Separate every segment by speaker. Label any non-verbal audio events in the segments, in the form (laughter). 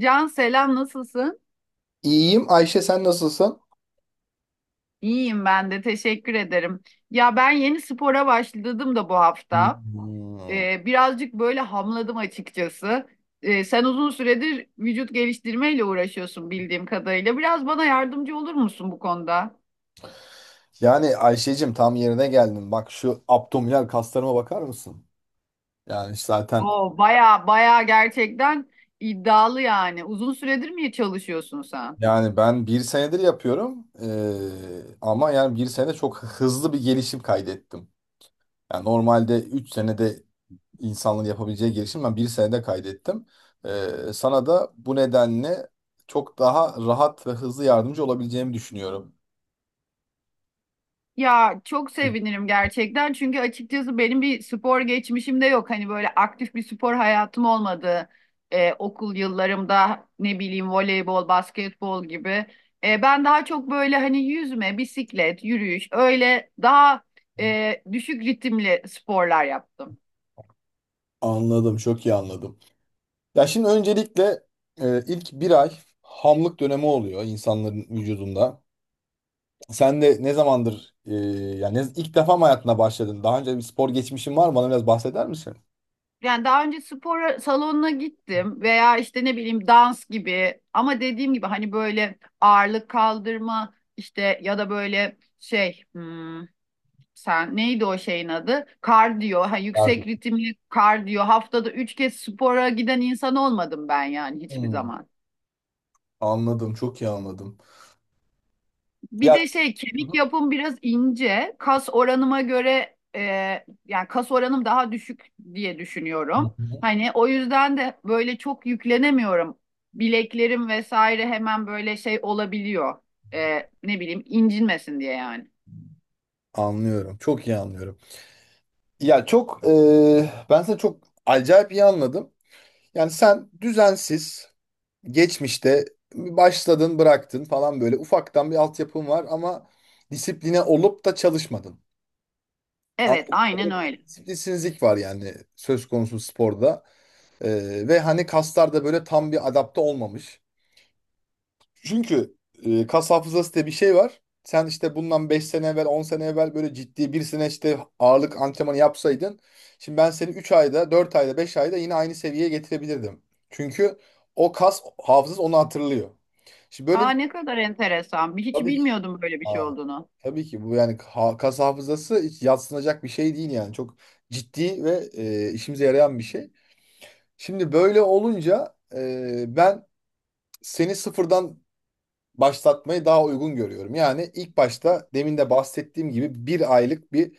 Speaker 1: Can, selam, nasılsın?
Speaker 2: İyiyim. Ayşe sen nasılsın?
Speaker 1: İyiyim ben de teşekkür ederim. Ya ben yeni spora başladım da bu hafta.
Speaker 2: Hmm.
Speaker 1: Birazcık böyle hamladım açıkçası. Sen uzun süredir vücut geliştirmeyle uğraşıyorsun bildiğim kadarıyla. Biraz bana yardımcı olur musun bu konuda?
Speaker 2: Yani Ayşe'cim tam yerine geldin. Bak şu abdominal kaslarıma bakar mısın? Yani zaten.
Speaker 1: Oo, baya baya gerçekten iddialı yani. Uzun süredir mi çalışıyorsun sen?
Speaker 2: Yani ben bir senedir yapıyorum. Ama yani bir sene çok hızlı bir gelişim kaydettim. Yani normalde 3 senede insanların yapabileceği gelişim ben bir senede kaydettim. Sana da bu nedenle çok daha rahat ve hızlı yardımcı olabileceğimi düşünüyorum.
Speaker 1: Ya çok
Speaker 2: Evet.
Speaker 1: sevinirim gerçekten çünkü açıkçası benim bir spor geçmişim de yok. Hani böyle aktif bir spor hayatım olmadı. Okul yıllarımda ne bileyim voleybol, basketbol gibi. Ben daha çok böyle hani yüzme, bisiklet, yürüyüş öyle daha düşük ritimli sporlar yaptım.
Speaker 2: Anladım, çok iyi anladım. Ya şimdi öncelikle ilk bir ay hamlık dönemi oluyor insanların vücudunda. Sen de ne zamandır yani ilk defa mı hayatına başladın? Daha önce bir spor geçmişin var mı? Bana biraz bahseder misin?
Speaker 1: Yani daha önce spor salonuna gittim veya işte ne bileyim dans gibi ama dediğim gibi hani böyle ağırlık kaldırma işte ya da böyle şey, sen. Neydi o şeyin adı? Kardiyo. Ha,
Speaker 2: Var.
Speaker 1: yüksek ritimli kardiyo. Haftada üç kez spora giden insan olmadım ben yani hiçbir
Speaker 2: Hmm,
Speaker 1: zaman.
Speaker 2: Anladım, çok iyi anladım.
Speaker 1: Bir
Speaker 2: Ya.
Speaker 1: de şey
Speaker 2: Hı
Speaker 1: kemik yapım biraz ince. Kas oranıma göre yani kas oranım daha düşük diye düşünüyorum.
Speaker 2: hı.
Speaker 1: Hani o yüzden de böyle çok yüklenemiyorum. Bileklerim vesaire hemen böyle şey olabiliyor. Ne bileyim incinmesin diye yani.
Speaker 2: Anlıyorum, çok iyi anlıyorum. Ya çok ben seni çok acayip iyi anladım. Yani sen düzensiz geçmişte başladın, bıraktın falan, böyle ufaktan bir altyapın var ama disipline olup da çalışmadın.
Speaker 1: Evet
Speaker 2: Anladığım
Speaker 1: aynen
Speaker 2: kadarıyla bir
Speaker 1: öyle.
Speaker 2: disiplinsizlik var, yani söz konusu sporda. Ve hani kaslar da böyle tam bir adapte olmamış. Çünkü kas hafızası diye bir şey var. Sen işte bundan 5 sene evvel, 10 sene evvel böyle ciddi bir sene işte ağırlık antrenmanı yapsaydın, şimdi ben seni 3 ayda, 4 ayda, 5 ayda yine aynı seviyeye getirebilirdim. Çünkü o kas hafızası onu hatırlıyor. Şimdi böyle
Speaker 1: Aa,
Speaker 2: bir şey,
Speaker 1: ne kadar enteresan. Hiç
Speaker 2: tabii ki.
Speaker 1: bilmiyordum böyle bir şey
Speaker 2: Aa,
Speaker 1: olduğunu.
Speaker 2: tabii ki bu, yani kas hafızası hiç yadsınacak bir şey değil yani. Çok ciddi ve işimize yarayan bir şey. Şimdi böyle olunca ben seni sıfırdan başlatmayı daha uygun görüyorum. Yani ilk başta demin de bahsettiğim gibi bir aylık bir,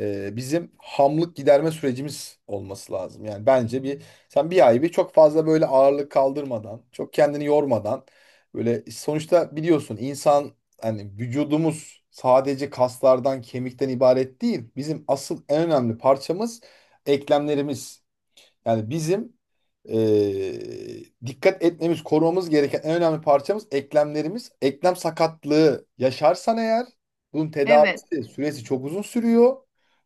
Speaker 2: bizim hamlık giderme sürecimiz olması lazım. Yani bence bir. Sen bir ay bir çok fazla böyle ağırlık kaldırmadan, çok kendini yormadan, böyle sonuçta biliyorsun, insan hani vücudumuz sadece kaslardan, kemikten ibaret değil. Bizim asıl en önemli parçamız eklemlerimiz. Yani bizim dikkat etmemiz, korumamız gereken en önemli parçamız eklemlerimiz. Eklem sakatlığı yaşarsan eğer, bunun
Speaker 1: Evet,
Speaker 2: tedavisi süresi çok uzun sürüyor.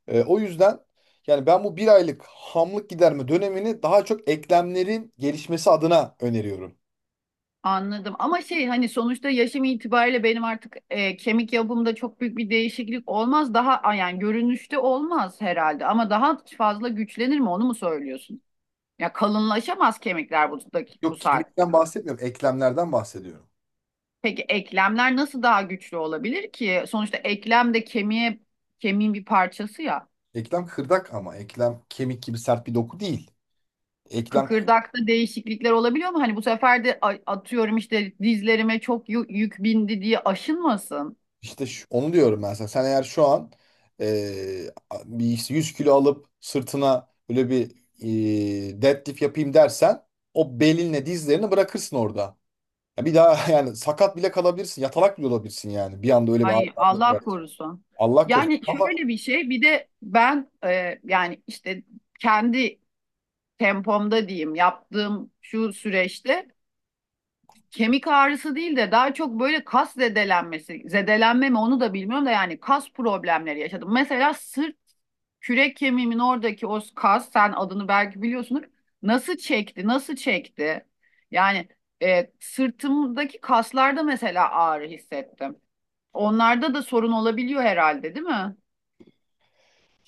Speaker 2: O yüzden, yani ben bu bir aylık hamlık giderme dönemini daha çok eklemlerin gelişmesi adına öneriyorum.
Speaker 1: anladım. Ama şey hani sonuçta yaşım itibariyle benim artık kemik yapımda çok büyük bir değişiklik olmaz. Daha yani görünüşte olmaz herhalde ama daha fazla güçlenir mi onu mu söylüyorsun? Ya kalınlaşamaz kemikler bu, bu
Speaker 2: Yok,
Speaker 1: saatte.
Speaker 2: kemikten bahsetmiyorum, eklemlerden bahsediyorum.
Speaker 1: Peki eklemler nasıl daha güçlü olabilir ki? Sonuçta eklem de kemiğe kemiğin bir parçası ya.
Speaker 2: Eklem kırdak ama eklem kemik gibi sert bir doku değil. Eklem
Speaker 1: Kıkırdakta değişiklikler olabiliyor mu? Hani bu sefer de atıyorum işte dizlerime çok yük bindi diye aşınmasın.
Speaker 2: İşte onu diyorum ben sana. Sen eğer şu an eee, bir 100 kilo alıp sırtına böyle bir deadlift yapayım dersen, o belinle dizlerini bırakırsın orada. Ya bir daha (laughs) yani sakat bile kalabilirsin. Yatalak bile olabilirsin yani. Bir anda öyle bir ağrı
Speaker 1: Ay,
Speaker 2: bir yer.
Speaker 1: Allah korusun.
Speaker 2: Allah korusun.
Speaker 1: Yani
Speaker 2: Ama
Speaker 1: şöyle bir şey bir de ben yani işte kendi tempomda diyeyim yaptığım şu süreçte kemik ağrısı değil de daha çok böyle kas zedelenmesi, zedelenme mi onu da bilmiyorum da yani kas problemleri yaşadım. Mesela sırt kürek kemiğimin oradaki o kas sen adını belki biliyorsunuz nasıl çekti nasıl çekti yani sırtımdaki kaslarda mesela ağrı hissettim. Onlarda da sorun olabiliyor herhalde, değil mi?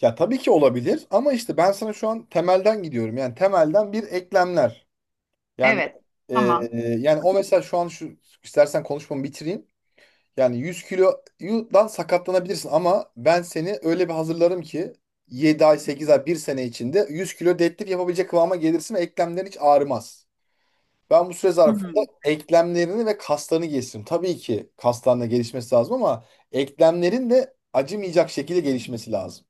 Speaker 2: ya tabii ki olabilir ama işte ben sana şu an temelden gidiyorum. Yani temelden bir eklemler. Yani
Speaker 1: Evet. Tamam.
Speaker 2: yani o mesela şu an şu, istersen konuşmamı bitireyim. Yani 100 kilodan sakatlanabilirsin ama ben seni öyle bir hazırlarım ki 7 ay, 8 ay, bir sene içinde 100 kilo deadlift yapabilecek kıvama gelirsin ve eklemlerin hiç ağrımaz. Ben bu süre
Speaker 1: Hı
Speaker 2: zarfında
Speaker 1: hı.
Speaker 2: eklemlerini ve kaslarını geliştiririm. Tabii ki kaslarında gelişmesi lazım ama eklemlerin de acımayacak şekilde gelişmesi lazım.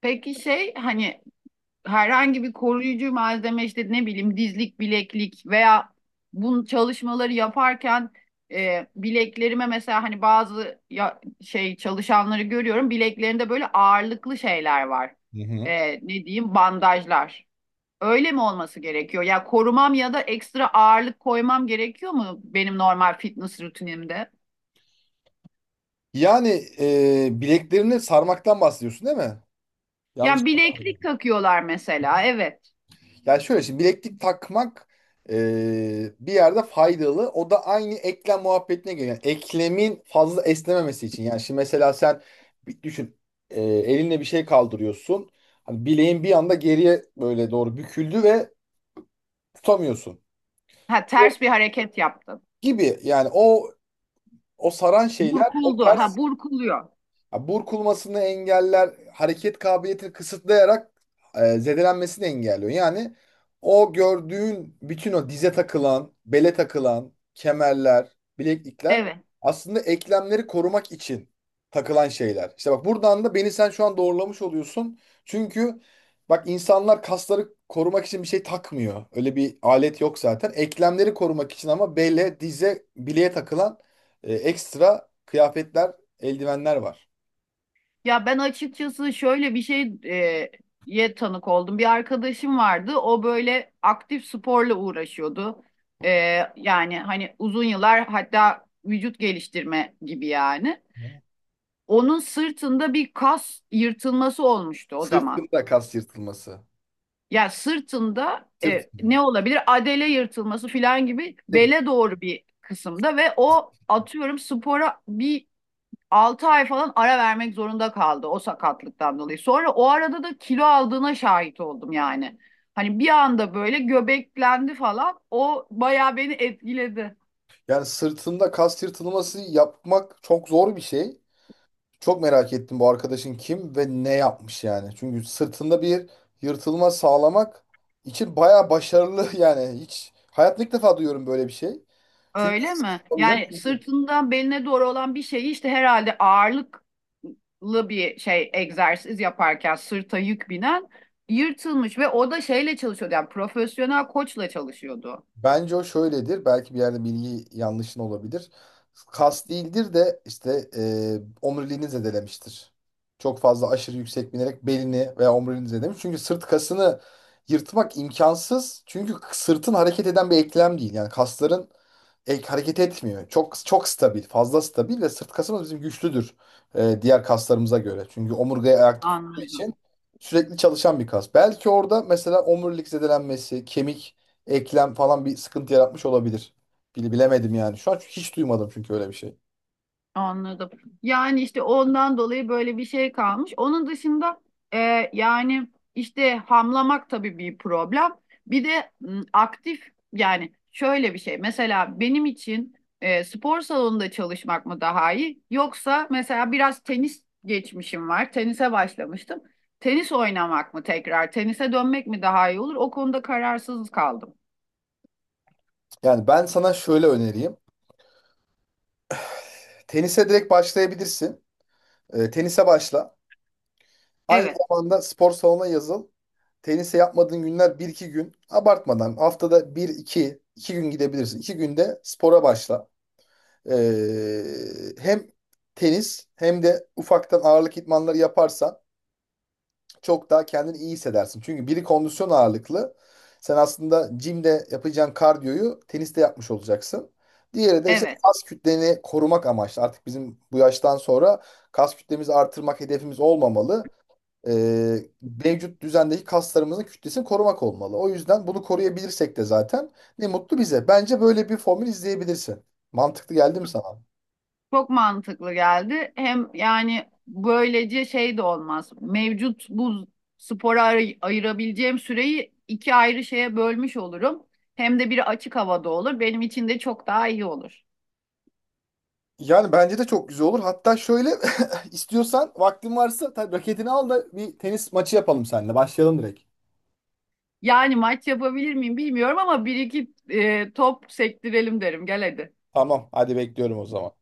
Speaker 1: Peki şey hani herhangi bir koruyucu malzeme işte ne bileyim dizlik, bileklik veya bu çalışmaları yaparken bileklerime mesela hani bazı ya, şey çalışanları görüyorum bileklerinde böyle ağırlıklı şeyler var.
Speaker 2: Hı hı.
Speaker 1: Ne diyeyim bandajlar. Öyle mi olması gerekiyor? Ya korumam ya da ekstra ağırlık koymam gerekiyor mu benim normal fitness rutinimde?
Speaker 2: Yani bileklerini sarmaktan bahsediyorsun, değil mi? Yanlış.
Speaker 1: Yani bileklik takıyorlar mesela. Evet.
Speaker 2: Yani şöyle, şimdi bileklik takmak bir yerde faydalı. O da aynı eklem muhabbetine geliyor. Yani eklemin fazla esnememesi için. Yani şimdi mesela sen bir düşün, elinle bir şey kaldırıyorsun. Hani bileğin bir anda geriye böyle doğru büküldü ve tutamıyorsun.
Speaker 1: Ha,
Speaker 2: O
Speaker 1: ters bir hareket yaptın.
Speaker 2: gibi, yani o saran şeyler o.
Speaker 1: Burkuldu. Ha, burkuluyor.
Speaker 2: Ya, burkulmasını engeller, hareket kabiliyetini kısıtlayarak zedelenmesini engelliyor. Yani o gördüğün bütün o dize takılan, bele takılan kemerler, bileklikler
Speaker 1: Evet.
Speaker 2: aslında eklemleri korumak için takılan şeyler. İşte bak, buradan da beni sen şu an doğrulamış oluyorsun. Çünkü bak, insanlar kasları korumak için bir şey takmıyor. Öyle bir alet yok zaten. Eklemleri korumak için ama bele, dize, bileğe takılan ekstra kıyafetler, eldivenler var.
Speaker 1: Ya ben açıkçası şöyle bir şey ye tanık oldum. Bir arkadaşım vardı. O böyle aktif sporla uğraşıyordu. E, Yani hani uzun yıllar hatta vücut geliştirme gibi yani. Onun sırtında bir kas yırtılması olmuştu o zaman.
Speaker 2: Sırtında kas yırtılması.
Speaker 1: Yani sırtında ne
Speaker 2: Sırtında.
Speaker 1: olabilir? Adele yırtılması falan gibi
Speaker 2: Peki.
Speaker 1: bele doğru bir kısımda ve o atıyorum spora bir 6 ay falan ara vermek zorunda kaldı o sakatlıktan dolayı. Sonra o arada da kilo aldığına şahit oldum yani. Hani bir anda böyle göbeklendi falan. O bayağı beni etkiledi.
Speaker 2: Yani sırtında kas yırtılması yapmak çok zor bir şey. Çok merak ettim bu arkadaşın kim ve ne yapmış yani. Çünkü sırtında bir yırtılma sağlamak için bayağı başarılı (laughs) yani. Hiç hayatımda ilk defa duyuyorum böyle bir şey. Çünkü
Speaker 1: Öyle mi?
Speaker 2: Tabii canım.
Speaker 1: Yani sırtından beline doğru olan bir şeyi işte herhalde ağırlıklı bir şey egzersiz yaparken sırta yük binen yırtılmış ve o da şeyle çalışıyordu yani profesyonel koçla çalışıyordu.
Speaker 2: Bence o şöyledir. Belki bir yerde bilgi yanlışın olabilir. Kas değildir de işte omuriliğini zedelemiştir. Çok fazla aşırı yüksek binerek belini veya omuriliğini zedelemiş. Çünkü sırt kasını yırtmak imkansız. Çünkü sırtın hareket eden bir eklem değil. Yani kasların hareket etmiyor. Çok çok stabil, fazla stabil ve sırt kasımız bizim güçlüdür diğer kaslarımıza göre. Çünkü omurgayı ayakta tuttuğu
Speaker 1: Anladım.
Speaker 2: için sürekli çalışan bir kas. Belki orada mesela omurilik zedelenmesi, kemik eklem falan bir sıkıntı yaratmış olabilir. Bilemedim yani. Şu an hiç duymadım çünkü öyle bir şey.
Speaker 1: Anladım. Yani işte ondan dolayı böyle bir şey kalmış. Onun dışında yani işte hamlamak tabii bir problem. Bir de aktif yani şöyle bir şey. Mesela benim için spor salonunda çalışmak mı daha iyi? Yoksa mesela biraz tenis geçmişim var. Tenise başlamıştım. Tenis oynamak mı tekrar? Tenise dönmek mi daha iyi olur? O konuda kararsız kaldım.
Speaker 2: Yani ben sana şöyle öneriyim. Tenise direkt başlayabilirsin. Tenise başla. Aynı
Speaker 1: Evet,
Speaker 2: zamanda spor salonuna yazıl. Tenise yapmadığın günler bir iki gün. Abartmadan haftada bir iki gün gidebilirsin. 2 günde spora başla. Hem tenis hem de ufaktan ağırlık idmanları yaparsan çok daha kendini iyi hissedersin. Çünkü biri kondisyon ağırlıklı. Sen aslında jimde yapacağın kardiyoyu teniste yapmış olacaksın. Diğeri de işte
Speaker 1: evet.
Speaker 2: kas kütleni korumak amaçlı. Artık bizim bu yaştan sonra kas kütlemizi artırmak hedefimiz olmamalı. Ee, Mevcut düzendeki kaslarımızın kütlesini korumak olmalı. O yüzden bunu koruyabilirsek de zaten ne mutlu bize. Bence böyle bir formül izleyebilirsin. Mantıklı geldi mi sana?
Speaker 1: Çok mantıklı geldi. Hem yani böylece şey de olmaz. Mevcut bu spora ayırabileceğim süreyi iki ayrı şeye bölmüş olurum. Hem de biri açık havada olur. Benim için de çok daha iyi olur.
Speaker 2: Yani bence de çok güzel olur. Hatta şöyle (laughs) istiyorsan vaktin varsa tabii raketini al da bir tenis maçı yapalım seninle. Başlayalım direkt.
Speaker 1: Yani maç yapabilir miyim bilmiyorum ama bir iki top sektirelim derim. Gel hadi.
Speaker 2: Tamam, hadi bekliyorum o zaman.